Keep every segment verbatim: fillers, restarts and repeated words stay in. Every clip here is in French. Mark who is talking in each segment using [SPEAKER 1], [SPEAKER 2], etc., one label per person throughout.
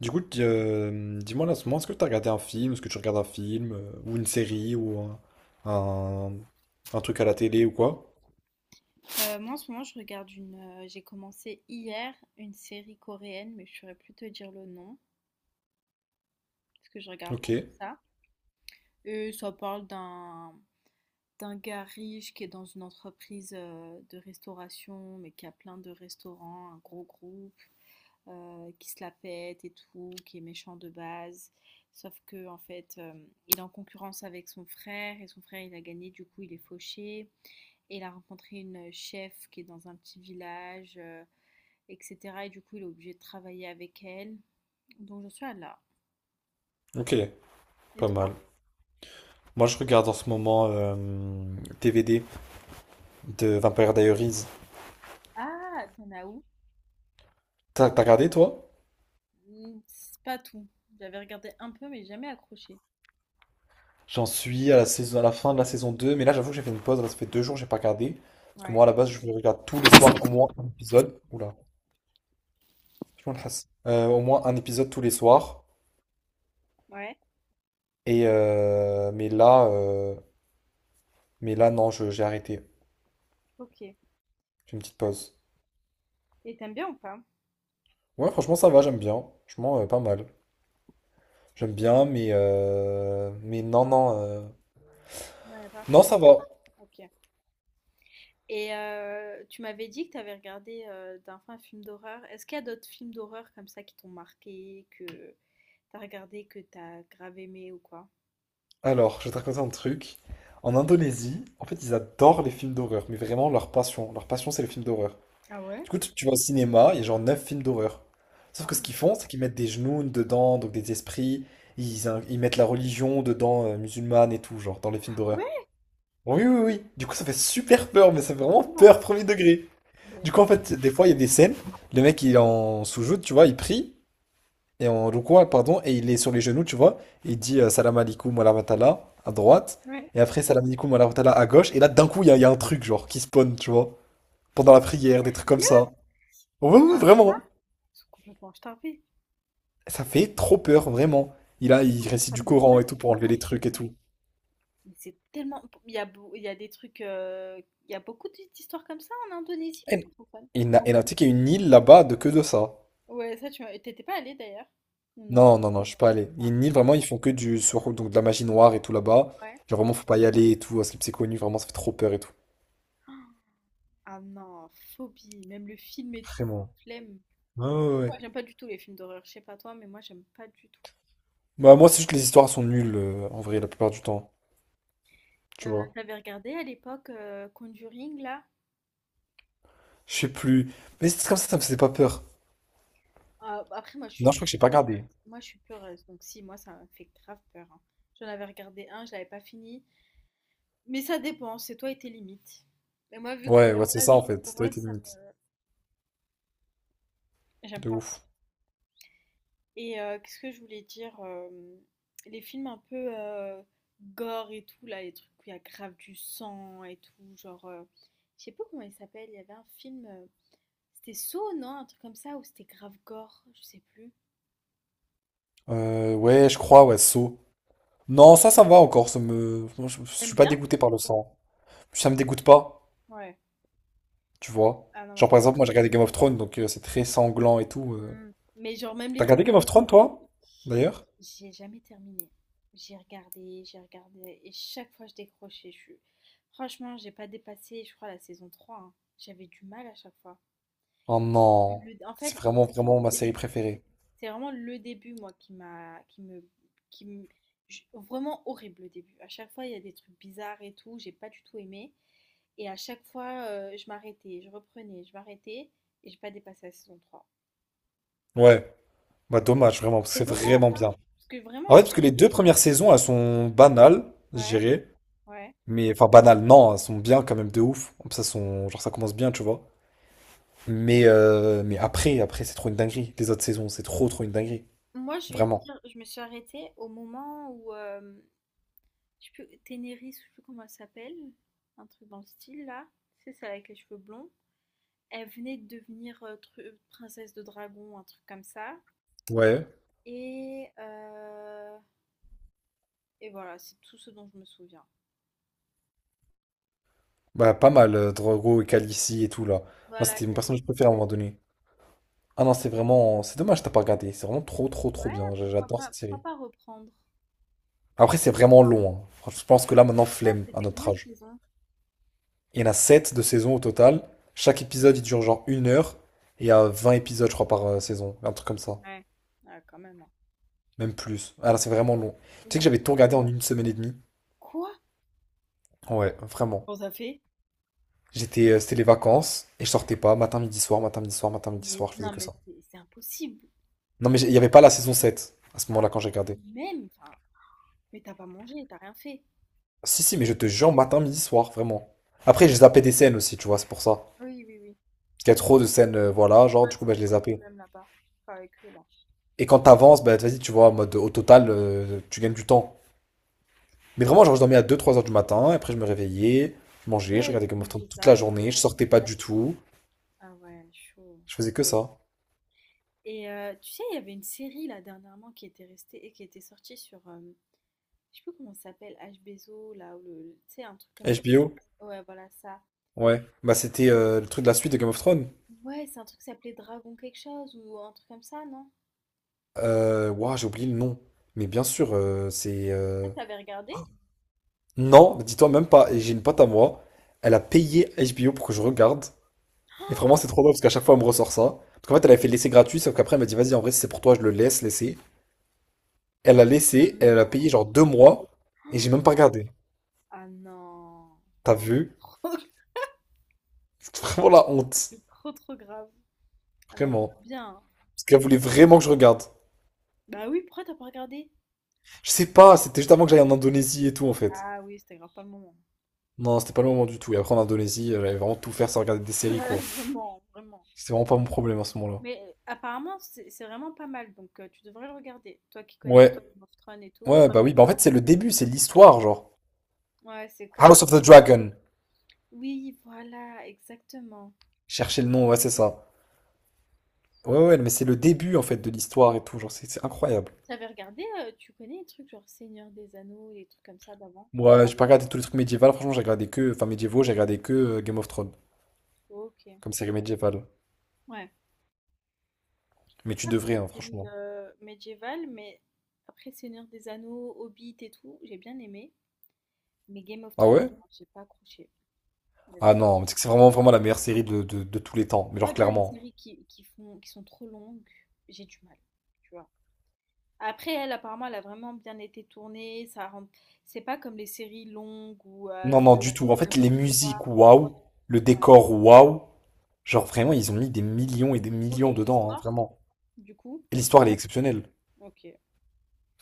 [SPEAKER 1] Du coup, tu- euh, dis-moi là, en ce moment, est-ce que tu as regardé un film, est-ce que tu regardes un film, euh, ou une série, ou un, un- un truc à la télé ou quoi?
[SPEAKER 2] Euh, moi, en ce moment, je regarde une euh, j'ai commencé hier une série coréenne, mais je saurais plus te dire le nom parce que je regarde
[SPEAKER 1] Ok,
[SPEAKER 2] beaucoup ça, et ça parle d'un d'un gars riche qui est dans une entreprise euh, de restauration, mais qui a plein de restaurants, un gros groupe euh, qui se la pète et tout, qui est méchant de base, sauf que en fait euh, il est en concurrence avec son frère, et son frère il a gagné, du coup il est fauché, et il a rencontré une chef qui est dans un petit village euh, et cetera. Et du coup, il est obligé de travailler avec elle. Donc, j'en suis à là.
[SPEAKER 1] ok,
[SPEAKER 2] Et
[SPEAKER 1] pas mal.
[SPEAKER 2] toi?
[SPEAKER 1] Moi, je regarde en ce moment euh, D V D de Vampire Diaries.
[SPEAKER 2] Ah, t'en as où?
[SPEAKER 1] T'as t'as regardé, toi?
[SPEAKER 2] Hmm, C'est pas tout. J'avais regardé un peu, mais jamais accroché.
[SPEAKER 1] J'en suis à la saison, à la fin de la saison deux, mais là, j'avoue que j'ai fait une pause, là, ça fait deux jours j'ai pas regardé. Parce que
[SPEAKER 2] Ouais.
[SPEAKER 1] moi, à la base, je regarde tous les soirs au moins un épisode. Oula, je m'en lasse. Euh, au moins un épisode tous les soirs.
[SPEAKER 2] Ouais,
[SPEAKER 1] Et euh, mais là, euh, Mais là, non, je- j'ai arrêté.
[SPEAKER 2] ok.
[SPEAKER 1] J'ai une petite
[SPEAKER 2] Ouais.
[SPEAKER 1] pause.
[SPEAKER 2] Et t'aimes bien ou pas?
[SPEAKER 1] Ouais, franchement, ça va, j'aime bien. Franchement, euh, pas mal. J'aime bien, mais... euh, Mais non, non. euh,
[SPEAKER 2] Ouais, pas.
[SPEAKER 1] Non, ça va.
[SPEAKER 2] Ok. Et euh, tu m'avais dit que t'avais regardé euh, d'un un film d'horreur. Est-ce qu'il y a d'autres films d'horreur comme ça qui t'ont marqué, que t'as regardé, que t'as grave aimé ou quoi?
[SPEAKER 1] Alors, je vais te raconter un truc. En Indonésie, en fait, ils adorent les films d'horreur, mais vraiment leur passion. Leur passion, c'est les films d'horreur.
[SPEAKER 2] Ah ouais?
[SPEAKER 1] Du coup, tu tu vas au cinéma, il y a genre neuf films d'horreur. Sauf que ce
[SPEAKER 2] Ah,
[SPEAKER 1] qu'ils font, c'est qu'ils mettent des genoux dedans, donc des esprits. Ils, in- ils mettent la religion dedans, euh, musulmane et tout, genre, dans les films
[SPEAKER 2] ah
[SPEAKER 1] d'horreur.
[SPEAKER 2] ouais?
[SPEAKER 1] Oui, oui, oui. Du coup, ça fait super peur, mais ça fait vraiment
[SPEAKER 2] Bon.
[SPEAKER 1] peur, premier degré. Du coup,
[SPEAKER 2] Mais...
[SPEAKER 1] en fait, des fois, il y a des scènes, le mec, il est en soujoud, tu vois, il prie, et en rukwa, pardon, et il est sur les genoux, tu vois, et il dit euh, Salam alaikum wa rahmatullah à droite,
[SPEAKER 2] Ouais.
[SPEAKER 1] et après Salam alaikum wa rahmatullah à gauche, et là, d'un coup, il y, a il y a un truc, genre, qui spawn, tu vois, pendant la prière, des trucs comme
[SPEAKER 2] Sérieux?
[SPEAKER 1] ça. Ouais,
[SPEAKER 2] Mais
[SPEAKER 1] ouais, ouais,
[SPEAKER 2] ça va.
[SPEAKER 1] vraiment.
[SPEAKER 2] Ils sont complètement starvés.
[SPEAKER 1] Ça fait trop peur, vraiment. Il a, il récite
[SPEAKER 2] Fans
[SPEAKER 1] du
[SPEAKER 2] de ça,
[SPEAKER 1] Coran et tout
[SPEAKER 2] c'est
[SPEAKER 1] pour enlever
[SPEAKER 2] bizarre.
[SPEAKER 1] les trucs et tout.
[SPEAKER 2] Mais c'est tellement. Il y a, beau- il y a des trucs. euh, Il y a beaucoup d'histoires comme ça en Indonésie,
[SPEAKER 1] Et,
[SPEAKER 2] francophone.
[SPEAKER 1] et na- et là, tu sais qu'il y a une île là-bas de que de ça.
[SPEAKER 2] Ouais, ça, tu m'as- t'étais pas allée d'ailleurs? Ou non.
[SPEAKER 1] Non, non, non, je suis pas allé. Il y a
[SPEAKER 2] Ah,
[SPEAKER 1] une île, vraiment, ils font que du sur, donc de la magie noire et tout là-bas.
[SPEAKER 2] ouais.
[SPEAKER 1] Genre, vraiment, faut pas y aller et tout, parce que c'est connu, vraiment, ça fait trop peur et tout.
[SPEAKER 2] Ah non, phobie. Même le film et tout,
[SPEAKER 1] Vraiment.
[SPEAKER 2] flemme.
[SPEAKER 1] Ouais, ouais,
[SPEAKER 2] Ouais,
[SPEAKER 1] ouais.
[SPEAKER 2] j'aime pas du tout les films d'horreur. Je sais pas toi, mais moi, j'aime pas du tout.
[SPEAKER 1] Bah, moi, c'est juste que les histoires sont nulles, euh, en vrai, la plupart du temps. Tu
[SPEAKER 2] Euh,
[SPEAKER 1] vois.
[SPEAKER 2] t'avais regardé à l'époque euh, Conjuring, là?
[SPEAKER 1] Je sais plus. Mais c'est comme ça, ça me faisait pas peur.
[SPEAKER 2] Ah, bah, après, moi, je suis.
[SPEAKER 1] Non, je crois que j'ai pas
[SPEAKER 2] peureuse.
[SPEAKER 1] regardé.
[SPEAKER 2] Moi, je suis peureuse. Donc, si, moi, ça me fait grave peur, hein. J'en avais regardé un, je l'avais pas fini. Mais ça dépend, c'est toi et tes limites. Mais moi, vu que
[SPEAKER 1] Ouais, ouais, c'est
[SPEAKER 2] ah, je-
[SPEAKER 1] ça,
[SPEAKER 2] suis
[SPEAKER 1] en fait. Ça doit
[SPEAKER 2] heureuse,
[SPEAKER 1] être une
[SPEAKER 2] ça me...
[SPEAKER 1] mythe.
[SPEAKER 2] j'aime
[SPEAKER 1] De
[SPEAKER 2] pas.
[SPEAKER 1] ouf.
[SPEAKER 2] Et euh, qu'est-ce que je voulais dire euh, les films un peu euh, gore et tout, là, les trucs où il y a grave du sang et tout, genre. Euh, je sais pas comment il s'appelle, il y avait un film. euh, C'était Saw, non? Un truc comme ça, ou c'était grave gore, je sais plus.
[SPEAKER 1] Euh, ouais, je crois, ouais, saut. Non, ça, ça va encore. Ça me... moi, je, je
[SPEAKER 2] T'aimes
[SPEAKER 1] suis pas
[SPEAKER 2] bien?
[SPEAKER 1] dégoûté par le sang. Ça me dégoûte pas,
[SPEAKER 2] Ouais.
[SPEAKER 1] tu vois.
[SPEAKER 2] Ah non, moi
[SPEAKER 1] Genre,
[SPEAKER 2] ça.
[SPEAKER 1] par exemple, moi, j'ai regardé Game of Thrones, donc euh, c'est très sanglant et tout. euh.
[SPEAKER 2] Hmm. Mais genre, même
[SPEAKER 1] T'as
[SPEAKER 2] les...
[SPEAKER 1] regardé Game of Thrones, toi? D'ailleurs?
[SPEAKER 2] J'ai jamais terminé. J'ai regardé, j'ai regardé, et chaque fois je décrochais. Je... Franchement, j'ai pas dépassé, je crois, la saison trois, hein. J'avais du mal à chaque fois.
[SPEAKER 1] Oh non,
[SPEAKER 2] Le- En fait,
[SPEAKER 1] c'est
[SPEAKER 2] c'est
[SPEAKER 1] vraiment
[SPEAKER 2] surtout
[SPEAKER 1] vraiment ma
[SPEAKER 2] le
[SPEAKER 1] série
[SPEAKER 2] début.
[SPEAKER 1] préférée.
[SPEAKER 2] C'est vraiment le début, moi, qui m'a, qui me, qui me- j- vraiment horrible le début. À chaque fois, il y a des trucs bizarres et tout. J'ai pas du tout aimé. Et à chaque fois, euh, je m'arrêtais, je reprenais, je m'arrêtais, et j'ai pas dépassé la saison trois.
[SPEAKER 1] Ouais, bah dommage vraiment, parce que
[SPEAKER 2] C'est
[SPEAKER 1] c'est
[SPEAKER 2] dommage,
[SPEAKER 1] vraiment bien.
[SPEAKER 2] hein, parce que vraiment,
[SPEAKER 1] En fait,
[SPEAKER 2] je
[SPEAKER 1] parce que les deux
[SPEAKER 2] voulais.
[SPEAKER 1] premières saisons, elles sont banales, je
[SPEAKER 2] Ouais,
[SPEAKER 1] dirais.
[SPEAKER 2] ouais.
[SPEAKER 1] Mais enfin banales, non, elles sont bien quand même de ouf. Ça sont, genre ça commence bien, tu vois. Mais euh, mais après, après c'est trop une dinguerie. Les autres saisons, c'est trop trop une dinguerie,
[SPEAKER 2] Moi, je vais te
[SPEAKER 1] vraiment.
[SPEAKER 2] dire, je me suis arrêtée au moment où, euh, je sais plus, Ténéris, je sais plus comment elle s'appelle, un truc dans le style là, c'est celle avec les cheveux blonds. Elle venait de devenir euh, tru- euh, princesse de dragon, un truc comme ça.
[SPEAKER 1] Ouais,
[SPEAKER 2] Et, euh, et voilà, c'est tout ce dont je me souviens.
[SPEAKER 1] bah pas mal, euh, Drogo et Khaleesi et tout là. Moi,
[SPEAKER 2] Voilà,
[SPEAKER 1] c'était mon
[SPEAKER 2] qu'elle est-...
[SPEAKER 1] personnage préféré à un moment donné. Ah non, c'est vraiment, c'est dommage, t'as pas regardé. C'est vraiment trop trop trop
[SPEAKER 2] Ouais,
[SPEAKER 1] bien. J'-
[SPEAKER 2] pourquoi
[SPEAKER 1] J'adore
[SPEAKER 2] pas,
[SPEAKER 1] cette
[SPEAKER 2] pourquoi
[SPEAKER 1] série.
[SPEAKER 2] pas reprendre?
[SPEAKER 1] Après, c'est vraiment long, hein. Franchement, je pense que là, maintenant,
[SPEAKER 2] Ah,
[SPEAKER 1] flemme à
[SPEAKER 2] c'était
[SPEAKER 1] notre
[SPEAKER 2] combien de
[SPEAKER 1] âge.
[SPEAKER 2] saisons?
[SPEAKER 1] Il y en a sept de saison au total. Chaque épisode, il dure genre une heure. Et il y a vingt épisodes, je crois, par euh, saison. Un truc comme ça.
[SPEAKER 2] Ouais, ah, quand même, hein.
[SPEAKER 1] Même plus. Ah là, c'est vraiment long.
[SPEAKER 2] Et
[SPEAKER 1] Tu sais que
[SPEAKER 2] moi,
[SPEAKER 1] j'avais tout regardé en une semaine et demie.
[SPEAKER 2] quoi?
[SPEAKER 1] Ouais, vraiment.
[SPEAKER 2] Comment ça fait?
[SPEAKER 1] J'étais, euh, c'était les vacances et je sortais pas. Matin, midi, soir, matin, midi, soir, matin, midi,
[SPEAKER 2] Mais
[SPEAKER 1] soir. Je faisais
[SPEAKER 2] non,
[SPEAKER 1] que
[SPEAKER 2] mais
[SPEAKER 1] ça.
[SPEAKER 2] c'est c'est impossible.
[SPEAKER 1] Non, mais j'ai- il y avait pas la saison sept à ce
[SPEAKER 2] Ah,
[SPEAKER 1] moment-là quand j'ai regardé.
[SPEAKER 2] même, enfin. Mais t'as pas mangé, t'as rien fait.
[SPEAKER 1] Si, si, mais je te jure, matin, midi, soir, vraiment. Après, j'ai zappé des scènes aussi, tu vois, c'est pour ça.
[SPEAKER 2] Oui, oui, oui.
[SPEAKER 1] Parce qu'il y a trop de scènes, euh, voilà, genre,
[SPEAKER 2] Ouais,
[SPEAKER 1] du
[SPEAKER 2] c'est
[SPEAKER 1] coup, bah, je les
[SPEAKER 2] ça le
[SPEAKER 1] zappais.
[SPEAKER 2] problème là-bas. Enfin, avec eux là.
[SPEAKER 1] Et quand t'avances, bah, vas-y, tu vois, en mode, au total, euh, tu gagnes du temps. Mais vraiment, genre, je dormais à deux, trois heures du matin, après, je me réveillais, je mangeais, je
[SPEAKER 2] Ouais,
[SPEAKER 1] regardais
[SPEAKER 2] tu
[SPEAKER 1] Game
[SPEAKER 2] m'as
[SPEAKER 1] of Thrones
[SPEAKER 2] fait
[SPEAKER 1] toute
[SPEAKER 2] ça,
[SPEAKER 1] la journée, je
[SPEAKER 2] ouais.
[SPEAKER 1] sortais pas du tout,
[SPEAKER 2] Ah ouais, chaud.
[SPEAKER 1] je faisais que ça.
[SPEAKER 2] Et euh, tu sais, il y avait une série là dernièrement qui était restée et qui était sortie sur, euh, je sais plus comment ça s'appelle, H B Z O là, ou le, tu sais, un truc comme.
[SPEAKER 1] H B O?
[SPEAKER 2] Ouais, voilà ça.
[SPEAKER 1] Ouais. Bah, c'était euh, le truc de la suite de Game of Thrones.
[SPEAKER 2] Ouais, c'est un truc qui s'appelait Dragon quelque chose ou un truc comme ça, non?
[SPEAKER 1] Euh, ouah, j'ai oublié le nom. Mais bien sûr, euh, c'est.
[SPEAKER 2] Ah,
[SPEAKER 1] Euh,
[SPEAKER 2] t'avais regardé?
[SPEAKER 1] Non, dis-toi même pas. Et j'ai une pote à moi, elle a payé H B O pour que je regarde. Et vraiment,
[SPEAKER 2] Ah,
[SPEAKER 1] c'est trop drôle parce qu'à chaque fois, elle me ressort ça. Parce qu'en fait, elle avait fait laisser gratuit, sauf qu'après, elle m'a dit, vas-y, en vrai, si c'est pour toi, je le laisse, laisser. Elle a
[SPEAKER 2] t'as
[SPEAKER 1] laissé,
[SPEAKER 2] même
[SPEAKER 1] elle
[SPEAKER 2] pas
[SPEAKER 1] a payé genre
[SPEAKER 2] regardé.
[SPEAKER 1] deux mois, et j'ai même pas regardé.
[SPEAKER 2] Ah non.
[SPEAKER 1] T'as vu? C'est vraiment la honte.
[SPEAKER 2] C'est trop trop grave. Ah non,
[SPEAKER 1] Vraiment.
[SPEAKER 2] bien.
[SPEAKER 1] Parce qu'elle voulait vraiment que je regarde.
[SPEAKER 2] Bah oui, pourquoi t'as pas regardé?
[SPEAKER 1] Je sais pas, c'était juste avant que j'aille en Indonésie et tout en fait.
[SPEAKER 2] Ah oui, c'était grave pas le moment.
[SPEAKER 1] Non, c'était pas le moment du tout. Et après en Indonésie, euh, j'allais vraiment tout faire sans regarder des séries quoi.
[SPEAKER 2] Ouais, vraiment, vraiment.
[SPEAKER 1] C'était vraiment pas mon problème à ce moment-là.
[SPEAKER 2] Mais euh, apparemment, c'est c'est vraiment pas mal, donc euh, tu devrais le regarder. Toi qui connais
[SPEAKER 1] Ouais,
[SPEAKER 2] Game of Thrones et tout.
[SPEAKER 1] ouais, bah oui, bah en fait c'est le début, c'est l'histoire genre.
[SPEAKER 2] Ouais, c'est comme...
[SPEAKER 1] House of the Dragon.
[SPEAKER 2] Oui, voilà, exactement.
[SPEAKER 1] Cherchez le nom, ouais, c'est ça. Ouais, ouais, mais c'est le début en fait de l'histoire et tout, genre c'est c'est incroyable.
[SPEAKER 2] T'avais regardé, euh, tu connais les trucs genre Seigneur des Anneaux, les trucs comme ça d'avant?
[SPEAKER 1] Moi, j'ai pas regardé tous les trucs médiévaux, franchement j'ai regardé que, enfin médiévaux, j'ai regardé que euh, Game of Thrones.
[SPEAKER 2] Ok.
[SPEAKER 1] Comme série médiévale.
[SPEAKER 2] Ouais.
[SPEAKER 1] Mais tu devrais,
[SPEAKER 2] Après,
[SPEAKER 1] hein,
[SPEAKER 2] série
[SPEAKER 1] franchement.
[SPEAKER 2] euh, médiévale, mais après Seigneur des Anneaux, Hobbit et tout, j'ai bien aimé. Mais Game of
[SPEAKER 1] Ah
[SPEAKER 2] Thrones,
[SPEAKER 1] ouais?
[SPEAKER 2] non, j'ai pas accroché. La
[SPEAKER 1] Ah
[SPEAKER 2] vérité.
[SPEAKER 1] non, mais c'est que c'est vraiment, vraiment la meilleure série de, de- de tous les temps. Mais
[SPEAKER 2] Moi,
[SPEAKER 1] genre,
[SPEAKER 2] déjà, les
[SPEAKER 1] clairement.
[SPEAKER 2] séries qui, qui font, qui sont trop longues, j'ai du mal. Tu vois. Après, elle, apparemment, elle a vraiment bien été tournée. Ça rend... C'est pas comme les séries longues ou euh,
[SPEAKER 1] Non,
[SPEAKER 2] ça
[SPEAKER 1] non, du
[SPEAKER 2] fait
[SPEAKER 1] tout.
[SPEAKER 2] pas
[SPEAKER 1] En fait, les
[SPEAKER 2] n'importe quoi.
[SPEAKER 1] musiques, waouh. Le décor, waouh. Genre, vraiment, ils ont mis des millions et des
[SPEAKER 2] Ok,
[SPEAKER 1] millions
[SPEAKER 2] et
[SPEAKER 1] dedans, hein,
[SPEAKER 2] l'histoire,
[SPEAKER 1] vraiment.
[SPEAKER 2] du coup?
[SPEAKER 1] Et l'histoire, elle est exceptionnelle.
[SPEAKER 2] Ok.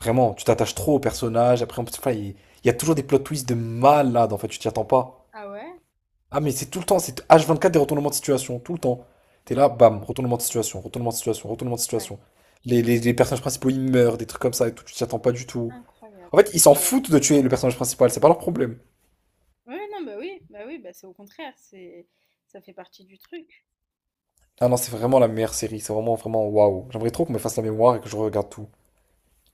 [SPEAKER 1] Vraiment, tu t'attaches trop aux personnages. Après, en plus, enfin, il il y a toujours des plot twists de malade, en fait, tu t'y attends pas.
[SPEAKER 2] Ah ouais?
[SPEAKER 1] Ah, mais c'est tout le temps, c'est h vingt-quatre des retournements de situation, tout le temps. T'es là, bam, retournement de situation, retournement de situation, retournement de
[SPEAKER 2] Incroyable.
[SPEAKER 1] situation. Les, les- les personnages principaux, ils meurent, des trucs comme ça et tout, tu t'y attends pas du tout.
[SPEAKER 2] Incroyable.
[SPEAKER 1] En fait, ils s'en foutent de tuer le personnage principal, c'est pas leur problème.
[SPEAKER 2] Ouais, non, bah oui, bah oui, bah c'est au contraire, c'est ça fait partie du truc.
[SPEAKER 1] Ah non, c'est vraiment la meilleure série, c'est vraiment, vraiment waouh. J'aimerais trop qu'on me fasse la mémoire et que je regarde tout.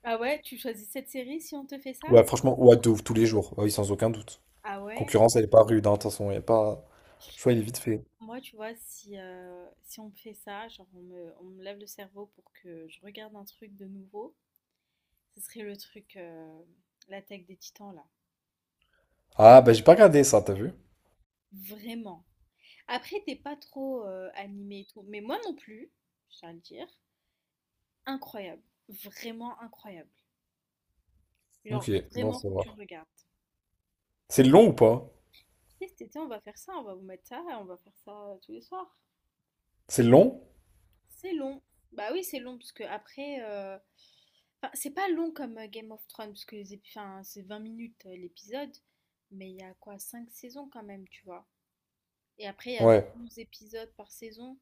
[SPEAKER 2] Ah ouais, tu choisis cette série si on te fait ça?
[SPEAKER 1] Ouais, franchement, ouais, de ouf, tous les jours, ah oui, sans aucun doute.
[SPEAKER 2] Ah ouais?
[SPEAKER 1] Concurrence, elle est pas rude, hein, de toute façon, y a pas. Le choix, il est vite fait.
[SPEAKER 2] Moi, tu vois, si, euh, si on me fait ça, genre on me, on me lève le cerveau pour que je regarde un truc de nouveau, ce serait le truc, euh, l'attaque des titans, là.
[SPEAKER 1] Ah, bah j'ai pas regardé ça, t'as vu?
[SPEAKER 2] Vraiment. Après, t'es pas trop euh, animé et tout. Mais moi non plus, je tiens à le dire. Incroyable. Vraiment incroyable.
[SPEAKER 1] Ok,
[SPEAKER 2] Genre,
[SPEAKER 1] bon,
[SPEAKER 2] vraiment,
[SPEAKER 1] ça
[SPEAKER 2] faut que
[SPEAKER 1] va.
[SPEAKER 2] tu le regardes.
[SPEAKER 1] C'est long ou pas?
[SPEAKER 2] Écoutez, cet été, on va faire ça, on va vous mettre ça, on va faire ça euh, tous les soirs.
[SPEAKER 1] C'est long?
[SPEAKER 2] C'est long. Bah oui, c'est long, parce que après. euh, Enfin, c'est pas long comme euh, Game of Thrones, parce que les épi- enfin, c'est vingt minutes euh, l'épisode. Mais il y a quoi, cinq saisons quand même, tu vois. Et après, il y a
[SPEAKER 1] Ouais.
[SPEAKER 2] douze épisodes par saison.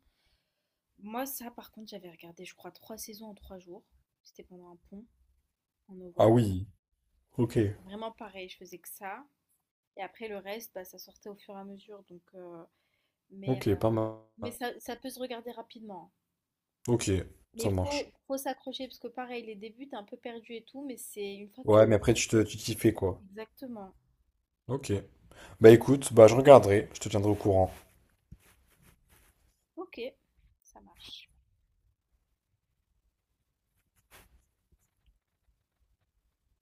[SPEAKER 2] Moi, ça, par contre, j'avais regardé, je crois, trois saisons en trois jours. C'était pendant un pont en
[SPEAKER 1] Ah
[SPEAKER 2] novembre.
[SPEAKER 1] oui. Ok.
[SPEAKER 2] Vraiment pareil, je faisais que ça. Et après, le reste, bah, ça sortait au fur et à mesure. Donc, euh, mais euh,
[SPEAKER 1] Ok, pas mal.
[SPEAKER 2] mais ça, ça peut se regarder rapidement.
[SPEAKER 1] Ok,
[SPEAKER 2] Mais
[SPEAKER 1] ça
[SPEAKER 2] il
[SPEAKER 1] marche.
[SPEAKER 2] faut, faut s'accrocher parce que pareil, les débuts, t'es un peu perdu et tout, mais c'est une fois que tu
[SPEAKER 1] Ouais, mais après, tu te,
[SPEAKER 2] rencontres.
[SPEAKER 1] tu t'y fais, quoi.
[SPEAKER 2] Exactement.
[SPEAKER 1] Ok. Bah écoute, bah je regarderai, je te tiendrai au courant.
[SPEAKER 2] Ok, ça marche.